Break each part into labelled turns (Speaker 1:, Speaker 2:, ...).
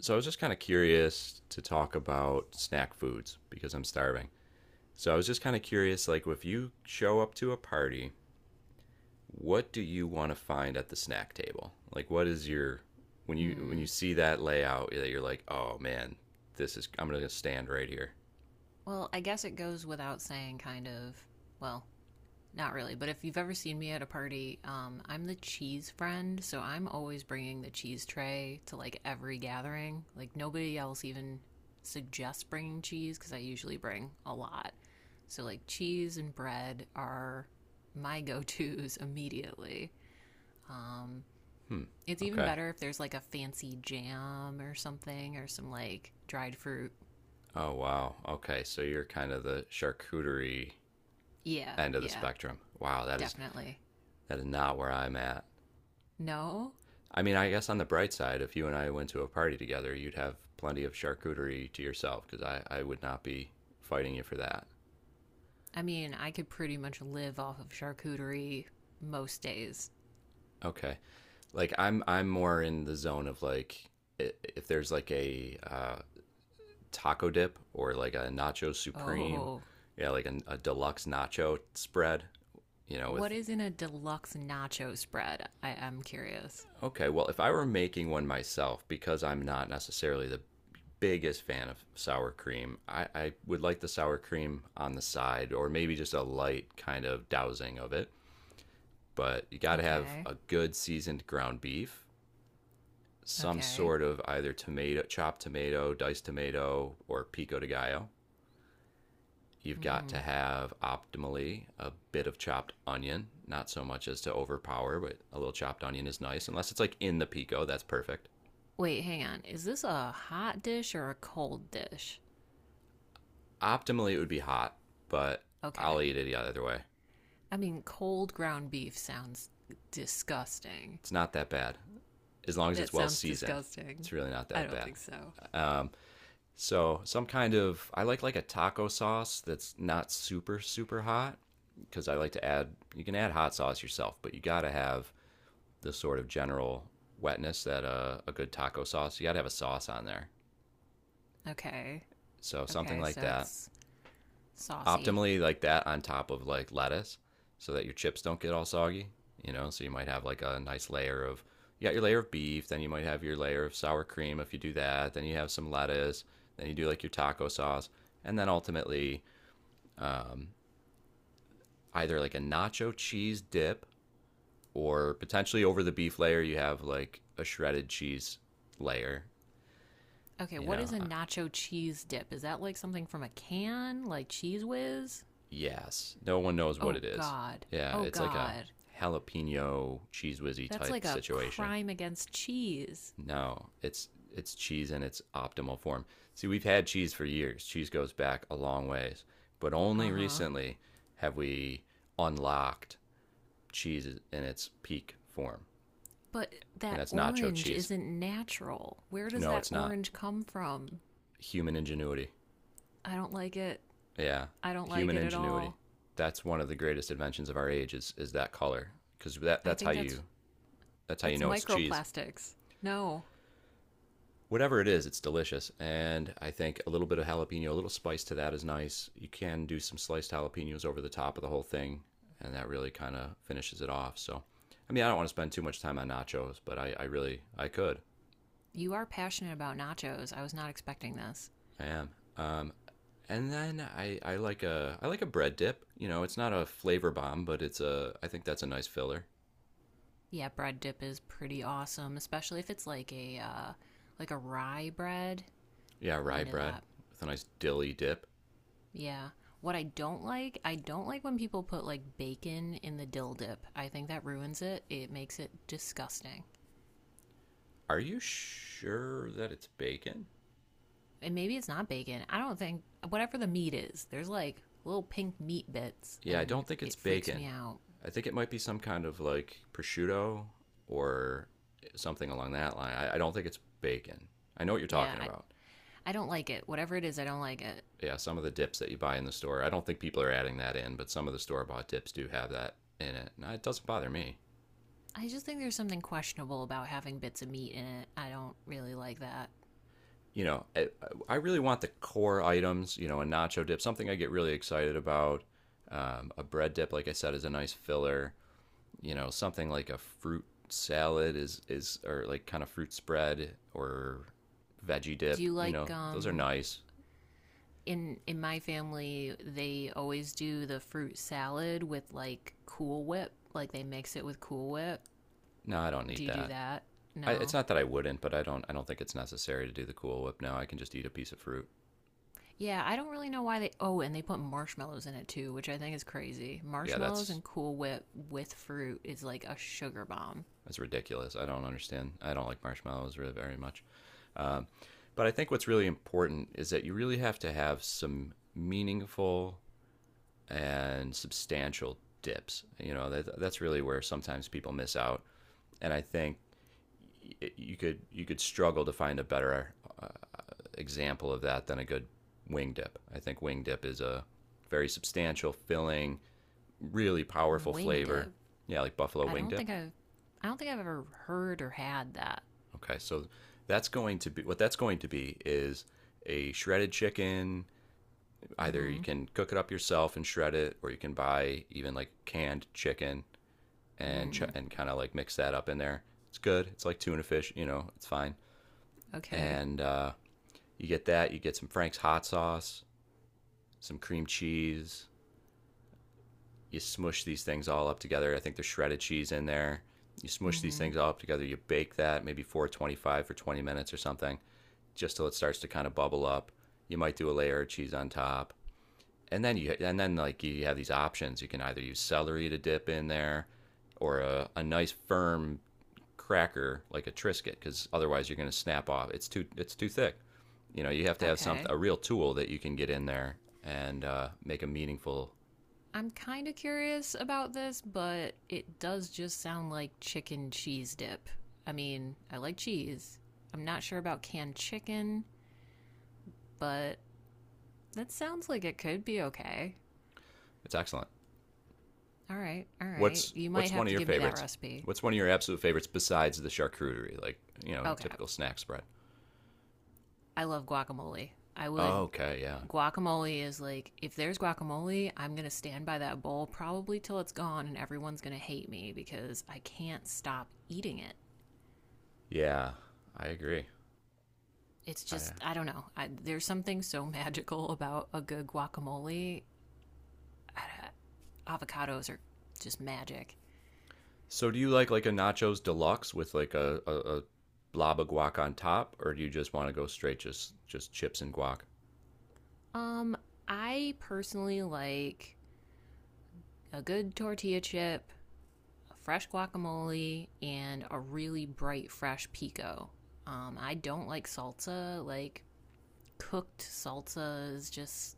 Speaker 1: So I was just kind of curious to talk about snack foods because I'm starving. So I was just kind of curious, like if you show up to a party, what do you want to find at the snack table? Like what is your when you when
Speaker 2: Hmm.
Speaker 1: you see that layout that you're like, oh man, this is I'm gonna stand right here.
Speaker 2: Well, I guess it goes without saying, kind of. Well, not really, but if you've ever seen me at a party, I'm the cheese friend, so I'm always bringing the cheese tray to like every gathering. Like nobody else even suggests bringing cheese because I usually bring a lot. So like cheese and bread are my go-tos immediately. Um,
Speaker 1: Hmm.
Speaker 2: it's even
Speaker 1: Okay.
Speaker 2: better if there's like a fancy jam or something or some like dried fruit.
Speaker 1: Oh wow. Okay. So you're kind of the charcuterie
Speaker 2: Yeah,
Speaker 1: end of the
Speaker 2: yeah,
Speaker 1: spectrum. Wow,
Speaker 2: definitely.
Speaker 1: that is not where I'm at.
Speaker 2: No?
Speaker 1: I mean, I guess on the bright side, if you and I went to a party together, you'd have plenty of charcuterie to yourself because I would not be fighting you for that.
Speaker 2: I mean, I could pretty much live off of charcuterie most days.
Speaker 1: Okay. Like I'm more in the zone of like if there's like a taco dip or like a nacho supreme,
Speaker 2: Oh.
Speaker 1: yeah, like a deluxe nacho spread, you know, with
Speaker 2: What is in a deluxe nacho spread? I am curious.
Speaker 1: okay, well, if I were making one myself because I'm not necessarily the biggest fan of sour cream. I would like the sour cream on the side or maybe just a light kind of dousing of it. But you got to have
Speaker 2: Okay.
Speaker 1: a good seasoned ground beef, some
Speaker 2: Okay.
Speaker 1: sort of either tomato, chopped tomato, diced tomato, or pico de gallo. You've
Speaker 2: Mm
Speaker 1: got to
Speaker 2: hmm.
Speaker 1: have optimally a bit of chopped onion, not so much as to overpower, but a little chopped onion is nice, unless it's like in the pico, that's perfect.
Speaker 2: Wait, hang on. Is this a hot dish or a cold dish?
Speaker 1: Optimally, it would be hot, but
Speaker 2: Okay.
Speaker 1: I'll eat it either way.
Speaker 2: I mean, cold ground beef sounds disgusting.
Speaker 1: It's not that bad. As long as
Speaker 2: That
Speaker 1: it's well
Speaker 2: sounds
Speaker 1: seasoned,
Speaker 2: disgusting.
Speaker 1: it's really not
Speaker 2: I
Speaker 1: that
Speaker 2: don't
Speaker 1: bad.
Speaker 2: think so.
Speaker 1: Um, so some kind of I like a taco sauce that's not super hot because I like to add you can add hot sauce yourself, but you got to have the sort of general wetness that a good taco sauce. You got to have a sauce on there.
Speaker 2: Okay.
Speaker 1: So something
Speaker 2: Okay,
Speaker 1: like
Speaker 2: so
Speaker 1: that.
Speaker 2: it's saucy.
Speaker 1: Optimally like that on top of like lettuce so that your chips don't get all soggy, you know? So you might have like a nice layer of you got your layer of beef, then you might have your layer of sour cream if you do that, then you have some lettuce, then you do like your taco sauce, and then ultimately um, either like a nacho cheese dip or potentially over the beef layer you have like a shredded cheese layer,
Speaker 2: Okay,
Speaker 1: you
Speaker 2: what
Speaker 1: know?
Speaker 2: is a nacho cheese dip? Is that like something from a can, like Cheese Whiz?
Speaker 1: Yes, no one knows what
Speaker 2: Oh
Speaker 1: it is.
Speaker 2: God.
Speaker 1: Yeah,
Speaker 2: Oh
Speaker 1: it's like a
Speaker 2: God.
Speaker 1: jalapeno cheese whizzy
Speaker 2: That's
Speaker 1: type
Speaker 2: like a
Speaker 1: situation.
Speaker 2: crime against cheese.
Speaker 1: No, it's cheese in its optimal form. See, we've had cheese for years. Cheese goes back a long ways, but only
Speaker 2: Uh huh.
Speaker 1: recently have we unlocked cheese in its peak form,
Speaker 2: But
Speaker 1: and
Speaker 2: that
Speaker 1: that's nacho
Speaker 2: orange
Speaker 1: cheese.
Speaker 2: isn't natural. Where does
Speaker 1: No,
Speaker 2: that
Speaker 1: it's not.
Speaker 2: orange come from?
Speaker 1: Human ingenuity.
Speaker 2: I don't like it.
Speaker 1: Yeah,
Speaker 2: I don't like
Speaker 1: human
Speaker 2: it at
Speaker 1: ingenuity.
Speaker 2: all.
Speaker 1: That's one of the greatest inventions of our age is that color because
Speaker 2: I think
Speaker 1: that's how you
Speaker 2: that's
Speaker 1: know it's cheese.
Speaker 2: microplastics. No.
Speaker 1: Whatever it is, it's delicious. And I think a little bit of jalapeno, a little spice to that is nice. You can do some sliced jalapenos over the top of the whole thing, and that really kind of finishes it off. So, I mean, I don't want to spend too much time on nachos, but I really, I could.
Speaker 2: You are passionate about nachos. I was not expecting this.
Speaker 1: I am. Um, and then I like a bread dip. You know, it's not a flavor bomb, but it's a I think that's a nice filler.
Speaker 2: Yeah, bread dip is pretty awesome, especially if it's like a rye bread.
Speaker 1: Yeah,
Speaker 2: I'm
Speaker 1: rye
Speaker 2: into
Speaker 1: bread
Speaker 2: that.
Speaker 1: with a nice dilly dip.
Speaker 2: Yeah. What I don't like when people put like bacon in the dill dip. I think that ruins it. It makes it disgusting.
Speaker 1: Are you sure that it's bacon?
Speaker 2: And maybe it's not bacon. I don't think whatever the meat is, there's like little pink meat bits
Speaker 1: Yeah, I
Speaker 2: and
Speaker 1: don't think it's
Speaker 2: it freaks
Speaker 1: bacon.
Speaker 2: me out.
Speaker 1: I think it might be some kind of like prosciutto or something along that line. I don't think it's bacon. I know what you're
Speaker 2: Yeah,
Speaker 1: talking
Speaker 2: I,
Speaker 1: about.
Speaker 2: I don't like it. Whatever it is, I don't like it.
Speaker 1: Yeah, some of the dips that you buy in the store, I don't think people are adding that in, but some of the store bought dips do have that in it. And it doesn't bother me.
Speaker 2: I just think there's something questionable about having bits of meat in it. I don't really like that.
Speaker 1: You know, I really want the core items, you know, a nacho dip, something I get really excited about. A bread dip, like I said, is a nice filler. You know, something like a fruit salad is or like kind of fruit spread or veggie
Speaker 2: Do
Speaker 1: dip,
Speaker 2: you
Speaker 1: you know,
Speaker 2: like
Speaker 1: those are nice.
Speaker 2: in my family they always do the fruit salad with like cool whip, like they mix it with cool whip.
Speaker 1: No, I don't need
Speaker 2: Do you do
Speaker 1: that.
Speaker 2: that?
Speaker 1: I, it's
Speaker 2: No.
Speaker 1: not that I wouldn't, but I don't I don't think it's necessary to do the cool whip. Now I can just eat a piece of fruit.
Speaker 2: Yeah, I don't really know why they, oh, and they put marshmallows in it too, which I think is crazy.
Speaker 1: Yeah,
Speaker 2: Marshmallows and cool whip with fruit is like a sugar bomb.
Speaker 1: that's ridiculous. I don't understand. I don't like marshmallows really very much. um, but I think what's really important is that you really have to have some meaningful and substantial dips. You know that's really where sometimes people miss out. And I think you could struggle to find a better uh, example of that than a good wing dip. I think wing dip is a very substantial, filling, really powerful
Speaker 2: Winged
Speaker 1: flavor.
Speaker 2: it?
Speaker 1: Yeah, like buffalo
Speaker 2: i
Speaker 1: wing
Speaker 2: don't think
Speaker 1: dip.
Speaker 2: i've I don't think I've ever heard or had that.
Speaker 1: Okay, so that's going to be what that's going to be is a shredded chicken. Either you
Speaker 2: Mm-hmm.
Speaker 1: can cook it up yourself and shred it, or you can buy even like canned chicken
Speaker 2: mm,
Speaker 1: and kind of like mix that up in there. It's good. It's like tuna fish, you know. It's fine.
Speaker 2: okay.
Speaker 1: And You get that, you get some Frank's hot sauce, some cream cheese. You smush these things all up together. I think there's shredded cheese in there. You smush these
Speaker 2: Mm-hmm.
Speaker 1: things all up together. You bake that maybe 425 for 20 minutes or something, just till it starts to kind of bubble up. You might do a layer of cheese on top, and then you and then like you have these options. You can either use celery to dip in there, or a nice firm cracker like a Triscuit because otherwise you're going to snap off. It's too thick. You know, you have to have something,
Speaker 2: Okay,
Speaker 1: a real tool that you can get in there and make a meaningful.
Speaker 2: I'm kind of curious about this, but it does just sound like chicken cheese dip. I mean, I like cheese. I'm not sure about canned chicken, but that sounds like it could be okay.
Speaker 1: It's excellent.
Speaker 2: All right, all right. You might
Speaker 1: What's one
Speaker 2: have
Speaker 1: of
Speaker 2: to
Speaker 1: your
Speaker 2: give me that
Speaker 1: favorites?
Speaker 2: recipe.
Speaker 1: What's one of your absolute favorites besides the charcuterie, like you know,
Speaker 2: Okay.
Speaker 1: typical snack spread?
Speaker 2: I love guacamole. I
Speaker 1: Oh,
Speaker 2: would
Speaker 1: okay, yeah,
Speaker 2: Guacamole is like if there's guacamole, I'm going to stand by that bowl probably till it's gone and everyone's going to hate me because I can't stop eating it.
Speaker 1: yeah, I agree.
Speaker 2: It's
Speaker 1: I,
Speaker 2: just I don't know. There's something so magical about a good guacamole. Uh, Avocados are just magic.
Speaker 1: so, do you like a nachos deluxe with like a blob of guac on top, or do you just want to go straight just chips and guac?
Speaker 2: Um, I personally like a good tortilla chip, a fresh guacamole, and a really bright fresh pico. I don't like salsa. Like cooked salsa is just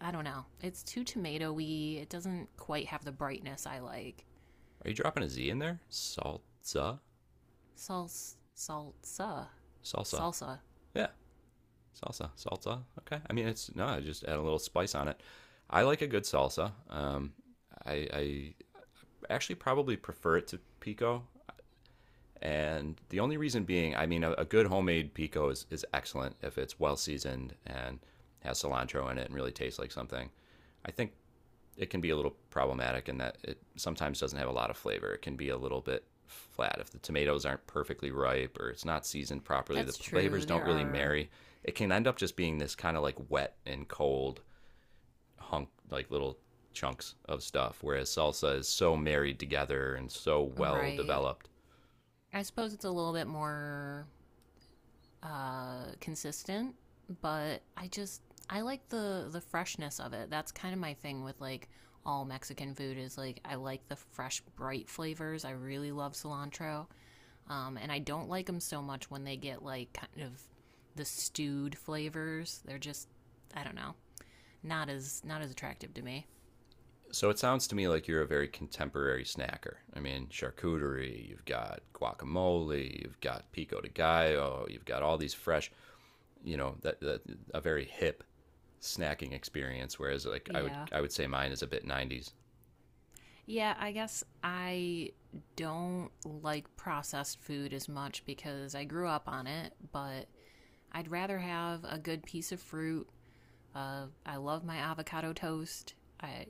Speaker 2: I don't know. It's too tomatoey. It doesn't quite have the brightness I like.
Speaker 1: Are you dropping a Z in there? Salsa?
Speaker 2: Salsa, salsa,
Speaker 1: Salsa.
Speaker 2: salsa.
Speaker 1: Yeah, salsa, salsa. Okay. I mean, it's no, I just add a little spice on it. I like a good salsa. I actually probably prefer it to pico, and the only reason being, I mean, a good homemade pico is excellent if it's well seasoned and has cilantro in it and really tastes like something. I think it can be a little problematic in that it sometimes doesn't have a lot of flavor. It can be a little bit flat if the tomatoes aren't perfectly ripe or it's not seasoned properly. The
Speaker 2: That's true.
Speaker 1: flavors don't
Speaker 2: There
Speaker 1: really
Speaker 2: are
Speaker 1: marry. It can end up just being this kind of like wet and cold hunk, like little chunks of stuff, whereas salsa is so married together and so well
Speaker 2: right.
Speaker 1: developed.
Speaker 2: I suppose it's a little bit more consistent, but I just I like the freshness of it. That's kind of my thing with like all Mexican food is like I like the fresh, bright flavors. I really love cilantro, and I don't like them so much when they get like kind of the stewed flavors. They're just I don't know, not as attractive to me.
Speaker 1: So it sounds to me like you're a very contemporary snacker. I mean, charcuterie, you've got guacamole, you've got pico de gallo, you've got all these fresh you know that a very hip snacking experience, whereas like
Speaker 2: Yeah.
Speaker 1: I would say mine is a bit 90s.
Speaker 2: Yeah, I guess I don't like processed food as much because I grew up on it, but I'd rather have a good piece of fruit. I love my avocado toast. I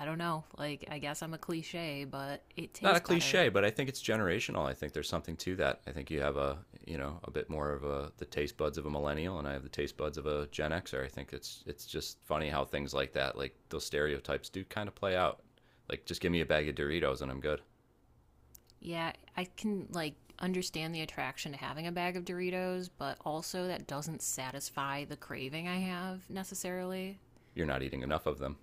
Speaker 2: I don't know, like I guess I'm a cliche, but it
Speaker 1: Not a
Speaker 2: tastes better.
Speaker 1: cliche, but I think it's generational. I think there's something to that. I think you have a you know a bit more of a the taste buds of a millennial and I have the taste buds of a gen xer. I think it's just funny how things like that, like those stereotypes do kind of play out. Like just give me a bag of doritos and I'm good.
Speaker 2: Yeah, I can like understand the attraction to having a bag of Doritos, but also that doesn't satisfy the craving I have necessarily.
Speaker 1: You're not eating
Speaker 2: Like,
Speaker 1: enough of them.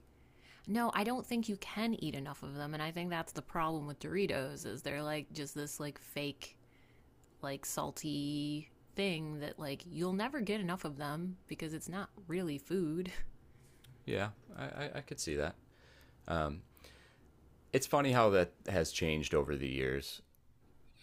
Speaker 2: no, I don't think you can eat enough of them, and I think that's the problem with Doritos is they're like just this like fake like salty thing that like you'll never get enough of them because it's not really food.
Speaker 1: Yeah, I could see that. um it's funny how that has changed over the years,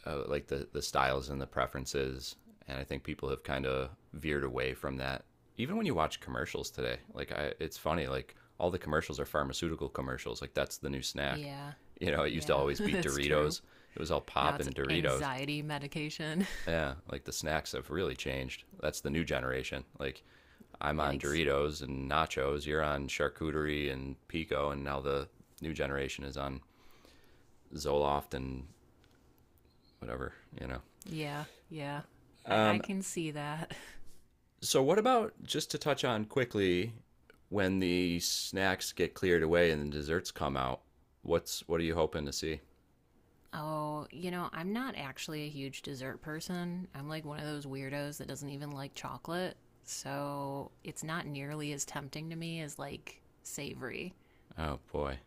Speaker 1: like the styles and the preferences, and I think people have kind of veered away from that. Even when you watch commercials today, like it's funny, like all the commercials are pharmaceutical commercials. Like that's the new snack.
Speaker 2: Yeah.
Speaker 1: You know, it used to
Speaker 2: Yeah,
Speaker 1: always be
Speaker 2: that's true.
Speaker 1: Doritos. It was all
Speaker 2: Now
Speaker 1: pop
Speaker 2: it's
Speaker 1: and Doritos.
Speaker 2: anxiety medication.
Speaker 1: Yeah, like the snacks have really changed. That's the new generation. Like I'm on
Speaker 2: Yikes.
Speaker 1: Doritos and nachos. You're on charcuterie and pico, and now the new generation is on Zoloft and whatever. You know.
Speaker 2: Yeah. Yeah. I
Speaker 1: Um,
Speaker 2: can see that.
Speaker 1: So, what about just to touch on quickly when the snacks get cleared away and the desserts come out? What's what are you hoping to see?
Speaker 2: Oh, you know, I'm not actually a huge dessert person. I'm like one of those weirdos that doesn't even like chocolate. So it's not nearly as tempting to me as like savory.
Speaker 1: Oh boy.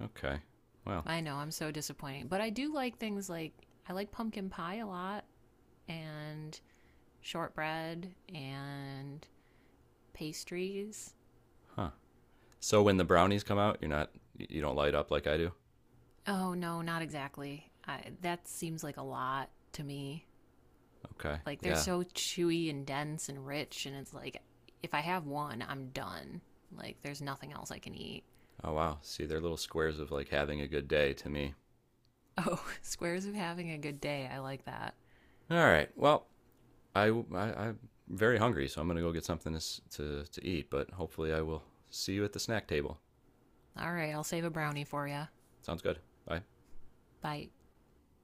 Speaker 1: Okay. Well,
Speaker 2: I know, I'm so disappointing. But I do like things like I like pumpkin pie a lot and shortbread and pastries.
Speaker 1: huh. So when the brownies come out, you're not you don't light up like I do.
Speaker 2: Oh, no, not exactly. That seems like a lot to me.
Speaker 1: Okay.
Speaker 2: Like they're
Speaker 1: Yeah.
Speaker 2: so chewy and dense and rich, and it's like if I have one, I'm done. Like there's nothing else I can eat.
Speaker 1: Oh wow. See, they're little squares of like having a good day to me.
Speaker 2: Oh, squares of having a good day. I like that.
Speaker 1: All right. Well, I am very hungry, so I'm gonna go get something to to eat. But hopefully, I will see you at the snack table.
Speaker 2: All right, I'll save a brownie for you.
Speaker 1: Sounds good. Bye.
Speaker 2: Bye.